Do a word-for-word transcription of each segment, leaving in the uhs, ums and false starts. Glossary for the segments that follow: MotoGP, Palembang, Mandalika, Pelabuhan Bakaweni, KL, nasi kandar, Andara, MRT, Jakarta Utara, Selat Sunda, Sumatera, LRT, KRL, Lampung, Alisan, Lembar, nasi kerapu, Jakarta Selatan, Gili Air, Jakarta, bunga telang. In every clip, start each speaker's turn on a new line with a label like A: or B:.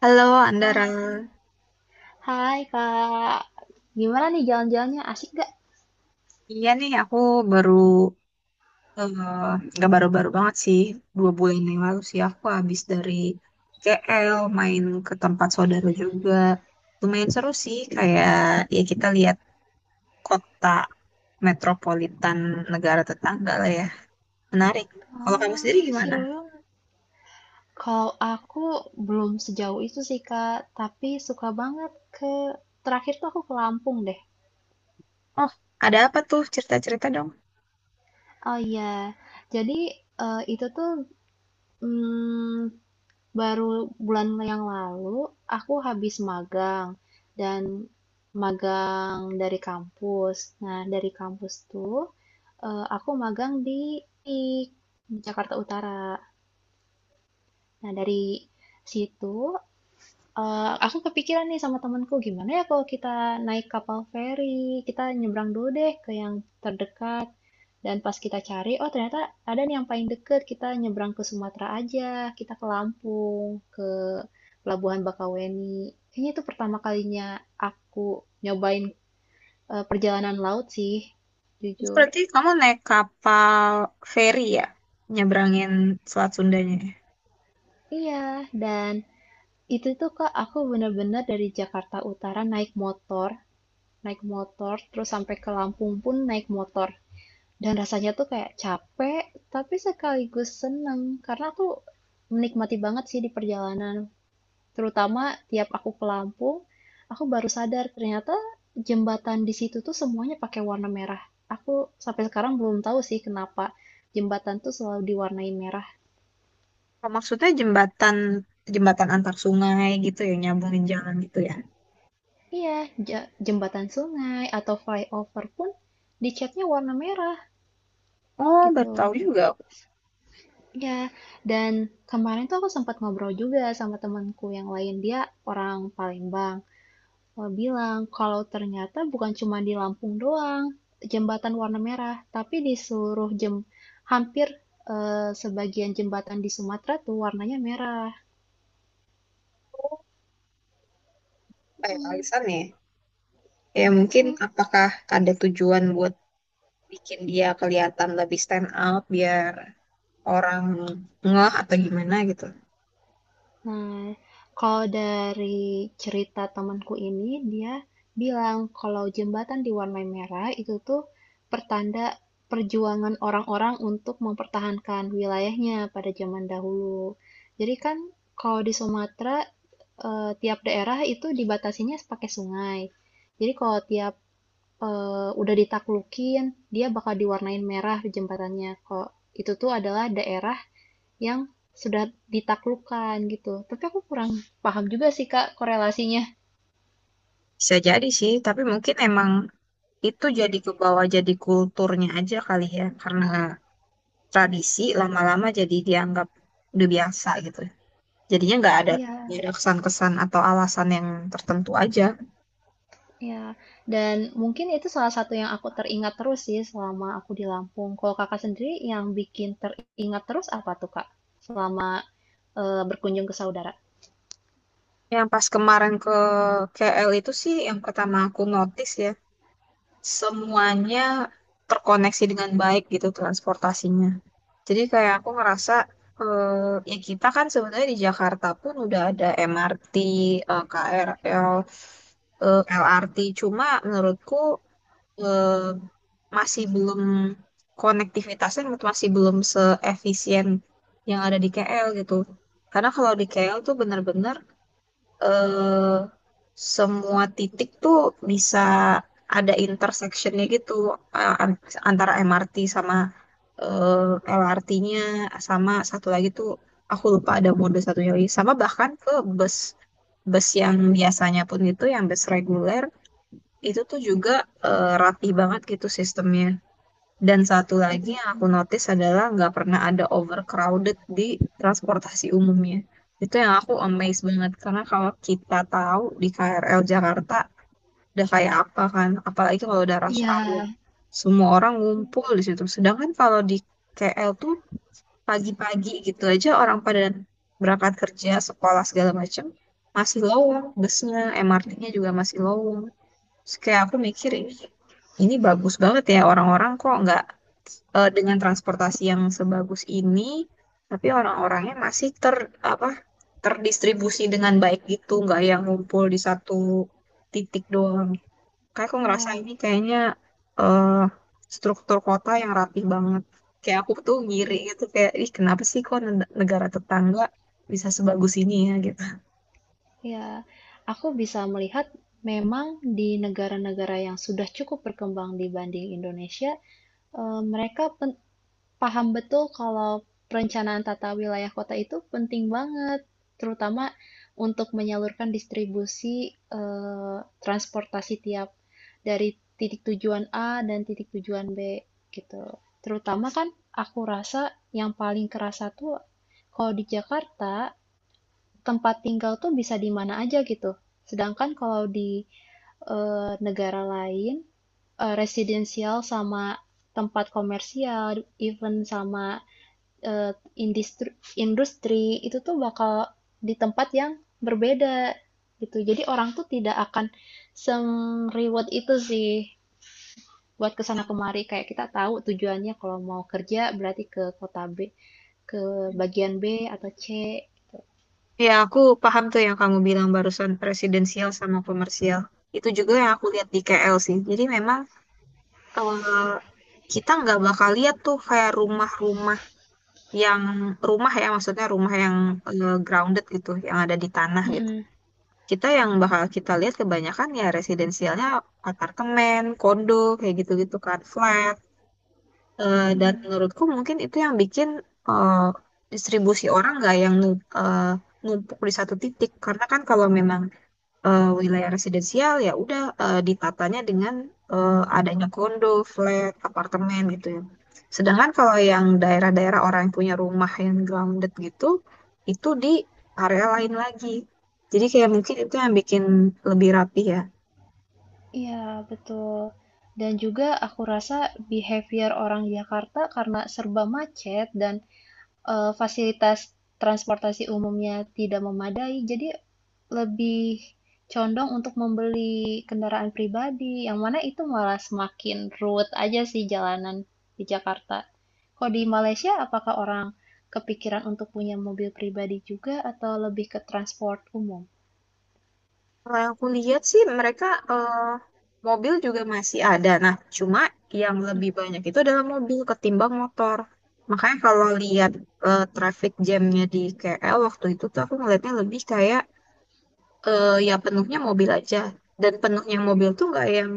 A: Halo Andara,
B: Ah, hai Kak, gimana nih jalan-jalannya? Asik gak?
A: iya nih aku baru eh, nggak baru-baru banget sih dua bulan yang lalu sih aku habis dari K L, main ke tempat saudara juga, lumayan seru sih kayak ya kita lihat kota metropolitan negara tetangga lah ya, menarik. Kalau kamu sendiri
B: Ah,
A: gimana?
B: seru banget. Kalau aku belum sejauh itu sih Kak, tapi suka banget ke terakhir tuh aku ke Lampung deh.
A: Oh, ada apa tuh, cerita-cerita dong?
B: Oh iya, jadi eh, itu tuh mm, baru bulan yang lalu aku habis magang dan magang dari kampus. Nah, dari kampus tuh eh, aku magang di, I K, di Jakarta Utara. Nah, dari situ, eh, aku kepikiran nih sama temanku, gimana ya kalau kita naik kapal feri, kita nyebrang dulu deh ke yang terdekat. Dan pas kita cari, oh ternyata ada nih yang paling deket, kita nyebrang ke Sumatera aja, kita ke Lampung, ke Pelabuhan Bakaweni. Kayaknya itu pertama kalinya aku nyobain eh, perjalanan laut sih,
A: Itu
B: jujur.
A: berarti kamu naik kapal feri ya, nyebrangin Selat Sundanya?
B: Iya, dan itu tuh Kak, aku bener-bener dari Jakarta Utara naik motor. Naik motor, terus sampai ke Lampung pun naik motor. Dan rasanya tuh kayak capek, tapi sekaligus seneng. Karena aku menikmati banget sih di perjalanan. Terutama tiap aku ke Lampung, aku baru sadar ternyata jembatan di situ tuh semuanya pakai warna merah. Aku sampai sekarang belum tahu sih kenapa jembatan tuh selalu diwarnai merah.
A: Oh, maksudnya jembatan jembatan antar sungai gitu ya, nyambungin jalan gitu ya.
B: Iya, ja- jembatan sungai atau flyover pun dicatnya warna merah
A: Oh, baru tahu
B: gitu.
A: juga aku,
B: Ya, dan kemarin tuh aku sempat ngobrol juga sama temanku yang lain, dia orang Palembang. Dia bilang kalau ternyata bukan cuma di Lampung doang jembatan warna merah, tapi di seluruh jem hampir eh, sebagian jembatan di Sumatera tuh warnanya merah.
A: kayak
B: Mm,
A: Alisan ya. Ya mungkin
B: mm.
A: apakah ada tujuan buat bikin dia kelihatan lebih stand out biar orang ngeh atau gimana gitu.
B: Nah, kalau dari cerita temanku ini, dia bilang kalau jembatan diwarnai merah itu tuh pertanda perjuangan orang-orang untuk mempertahankan wilayahnya pada zaman dahulu. Jadi kan kalau di Sumatera, eh, tiap daerah itu dibatasinya pakai sungai. Jadi kalau tiap eh, udah ditaklukin, dia bakal diwarnain merah jembatannya. Kok itu tuh adalah daerah yang sudah ditaklukkan gitu. Tapi aku kurang paham juga sih Kak korelasinya.
A: Bisa jadi sih, tapi mungkin emang itu jadi ke bawah jadi kulturnya aja kali ya, karena tradisi lama-lama jadi dianggap udah biasa gitu. Jadinya nggak ada nggak
B: Iya,
A: ada kesan-kesan atau alasan yang tertentu aja.
B: iya, dan mungkin itu salah satu yang aku teringat terus sih selama aku di Lampung. Kalau Kakak sendiri yang bikin teringat terus apa tuh Kak? Selama eh, berkunjung ke saudara.
A: Yang pas kemarin ke K L itu sih yang pertama aku notice ya, semuanya terkoneksi dengan baik gitu transportasinya. Jadi kayak aku ngerasa eh, ya kita kan sebenarnya di Jakarta pun udah ada M R T, eh, K R L, eh, L R T. Cuma menurutku eh, masih belum konektivitasnya menurut- masih belum seefisien yang ada di K L gitu. Karena kalau di K L tuh bener-bener eh, semua titik tuh bisa ada intersectionnya gitu, eh, an- antara M R T sama eh, L R T-nya, sama satu lagi tuh aku lupa ada mode satunya lagi, sama bahkan ke bus bus yang biasanya pun, itu yang bus reguler itu tuh juga eh, rapi banget gitu sistemnya. Dan satu lagi yang
B: Mm.
A: aku notice adalah nggak pernah ada overcrowded di transportasi umumnya. Itu yang aku amazed banget karena kalau kita tahu di K R L Jakarta udah kayak apa kan, apalagi kalau udah rush
B: Iya.
A: hour, semua orang ngumpul di situ. Sedangkan kalau di K L tuh pagi-pagi gitu aja orang pada berangkat kerja, sekolah segala macem, masih lowong, busnya, M R T-nya juga masih lowong. Terus kayak aku mikir, "Ih,
B: Oh,
A: ini bagus banget ya, orang-orang kok nggak eh, dengan transportasi yang sebagus ini, tapi orang-orangnya masih ter apa terdistribusi dengan baik gitu, nggak yang ngumpul di satu titik doang. Kayak aku ngerasa
B: iya,
A: ini kayaknya eh struktur kota yang rapi banget. Kayak aku tuh ngiri
B: iya.
A: gitu kayak, ih kenapa sih kok ne- negara tetangga bisa sebagus ini ya gitu.
B: Ya, aku bisa melihat memang di negara-negara yang sudah cukup berkembang dibanding Indonesia, eh, mereka pen- paham betul kalau perencanaan tata wilayah kota itu penting banget, terutama untuk menyalurkan distribusi eh, transportasi tiap dari titik tujuan A dan titik tujuan B gitu. Terutama kan aku rasa yang paling kerasa tuh kalau di Jakarta tempat tinggal tuh bisa di mana aja gitu. Sedangkan kalau di eh, negara lain eh, residensial sama tempat komersial, even sama eee, indistru industri, itu tuh bakal di tempat yang berbeda, gitu. Jadi orang tuh tidak akan se-reward itu sih buat kesana kemari. Kayak kita tahu tujuannya kalau mau kerja berarti ke kota B, ke bagian B atau C.
A: Ya, aku paham tuh yang kamu bilang barusan presidensial sama komersial. Itu juga yang aku lihat di K L sih. Jadi memang eh, kita nggak bakal lihat tuh kayak rumah-rumah yang rumah, ya maksudnya rumah yang eh, grounded gitu, yang ada di tanah gitu.
B: Mhm.
A: Kita yang bakal kita lihat kebanyakan ya residensialnya apartemen, kondo kayak gitu-gitu kan, flat. Eh, dan
B: Mmm.
A: menurutku mungkin itu yang bikin eh, distribusi orang nggak yang nu- eh, numpuk di satu titik, karena kan kalau memang eh, wilayah residensial ya udah eh, ditatanya dengan eh, adanya kondo, flat, apartemen gitu ya. Sedangkan kalau yang daerah-daerah orang yang punya rumah yang grounded gitu, itu di area lain lagi. Jadi kayak mungkin itu yang bikin lebih rapi ya.
B: Iya, betul. Dan juga aku rasa behavior orang Jakarta karena serba macet dan eh, fasilitas transportasi umumnya tidak memadai, jadi lebih condong untuk membeli kendaraan pribadi, yang mana itu malah semakin ruwet aja sih jalanan di Jakarta. Kalau di Malaysia, apakah orang kepikiran untuk punya mobil pribadi juga atau lebih ke transport umum?
A: Kalau yang aku lihat sih mereka eh, mobil juga masih ada. Nah, cuma yang lebih banyak itu adalah mobil ketimbang motor. Makanya kalau lihat eh, traffic jamnya di K L waktu itu tuh aku ngeliatnya lebih kayak eh ya penuhnya mobil aja, dan penuhnya mobil tuh nggak yang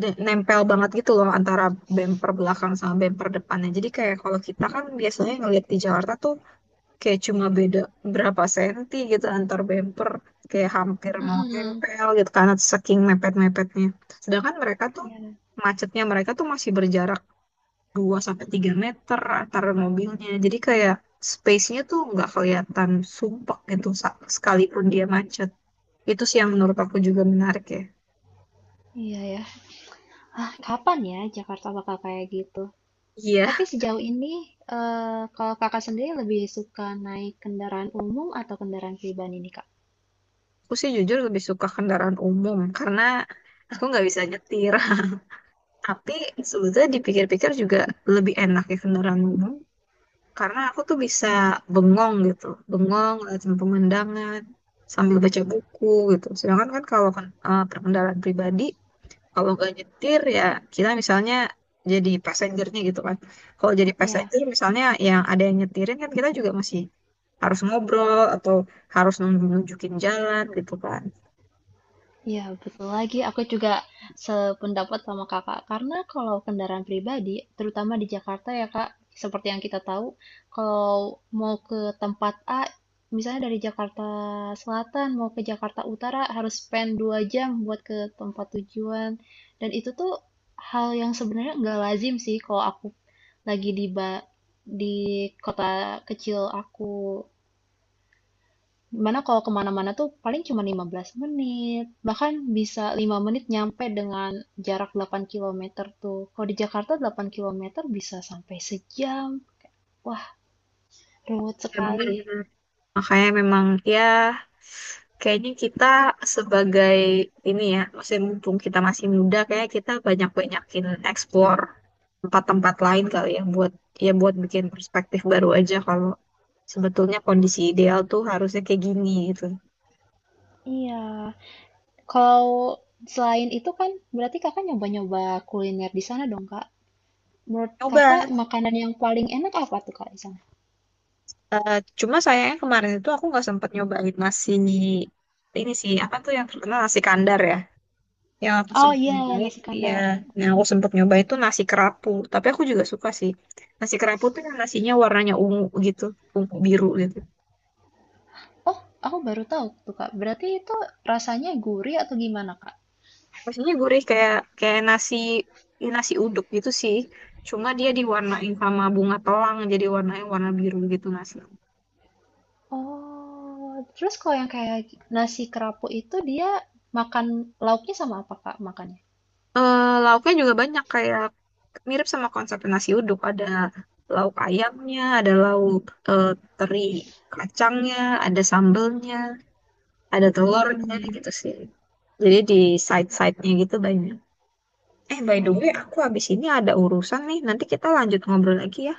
A: de- nempel banget gitu loh, antara bemper belakang sama bemper depannya. Jadi kayak kalau kita kan biasanya ngeliat di Jakarta tuh kayak cuma beda berapa senti gitu antar bemper, kayak hampir mau
B: Mm-mm.
A: nempel gitu karena saking mepet-mepetnya. Sedangkan mereka tuh
B: Ya,
A: macetnya mereka tuh masih berjarak dua sampai tiga meter antar mobilnya, jadi kayak space-nya tuh nggak kelihatan sumpek gitu, sa- sekalipun dia macet. Itu sih yang menurut aku juga menarik ya.
B: iya ya. Ah, kapan ya Jakarta bakal kayak gitu?
A: Iya,
B: Tapi sejauh ini, eh, kalau kakak sendiri lebih suka naik kendaraan umum atau kendaraan pribadi nih, Kak?
A: aku sih jujur lebih suka kendaraan umum karena aku nggak bisa nyetir. Tapi sebetulnya dipikir-pikir juga lebih enak ya kendaraan umum, karena aku tuh bisa bengong gitu, bengong ngeliatin pemandangan sambil baca buku gitu. Sedangkan kan kalau kan, eh, perkendaraan pribadi, kalau nggak nyetir ya kita misalnya jadi passengernya gitu kan. Kalau jadi
B: Ya,
A: passenger misalnya yang ada yang nyetirin, kan kita juga masih harus ngobrol atau harus nun- nunjukin jalan gitu kan.
B: iya, betul lagi. Aku juga sependapat sama Kakak. Karena kalau kendaraan pribadi, terutama di Jakarta ya Kak, seperti yang kita tahu, kalau mau ke tempat A, misalnya dari Jakarta Selatan mau ke Jakarta Utara harus spend dua jam buat ke tempat tujuan. Dan itu tuh hal yang sebenarnya nggak lazim sih kalau aku lagi di ba- di kota kecil aku dimana kalau kemana-mana tuh paling cuma lima belas menit, bahkan bisa lima menit nyampe dengan jarak delapan kilometer tuh. Kalau di Jakarta delapan kilometer bisa sampai sejam. Wah, ruwet
A: Ya
B: sekali.
A: benar-benar. Makanya memang ya kayaknya kita sebagai ini ya, masih mumpung kita masih muda, kayak kita banyak-banyakin explore tempat-tempat lain kali ya, buat ya buat bikin perspektif baru aja kalau sebetulnya kondisi ideal tuh harusnya kayak gini gitu.
B: Iya. Kalau selain itu kan berarti kakak nyoba-nyoba kuliner di sana dong, Kak. Menurut kakak
A: Coba.
B: makanan yang paling enak apa tuh, Kak, di sana?
A: Eh, cuma sayangnya kemarin itu aku nggak sempat nyobain nasi ini sih apa tuh yang terkenal, nasi kandar ya. Yang aku
B: Oh
A: sempat
B: iya,
A: nyobain
B: nasi
A: ya,
B: kandar.
A: yang aku sempat nyobain itu nasi kerapu. Tapi aku juga suka sih. Nasi kerapu tuh yang nasinya warnanya ungu gitu, ungu biru gitu.
B: Oh, aku baru tahu tuh, Kak. Berarti itu rasanya gurih atau gimana, Kak?
A: Nasinya gurih kayak kayak nasi nasi uduk gitu sih. Cuma dia diwarnain sama bunga telang, jadi warnanya warna biru gitu nasi.
B: Oh, terus kalau yang kayak nasi kerapu itu dia makan lauknya sama apa Kak makannya?
A: Eh, lauknya juga banyak, kayak mirip sama konsep nasi uduk, ada lauk ayamnya, ada lauk eh, teri kacangnya, ada sambelnya, ada telurnya
B: Mm-mm.
A: gitu sih, jadi di side-side-nya gitu banyak. Eh by the way,
B: Oh,
A: aku habis ini ada urusan nih, nanti kita lanjut ngobrol lagi ya,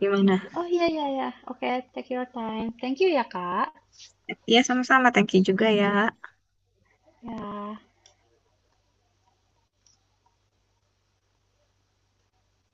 A: gimana.
B: oh iya iya iya. Oke, take your time. Thank you ya Kak.
A: Ya sama-sama, thank you juga ya.
B: Ya.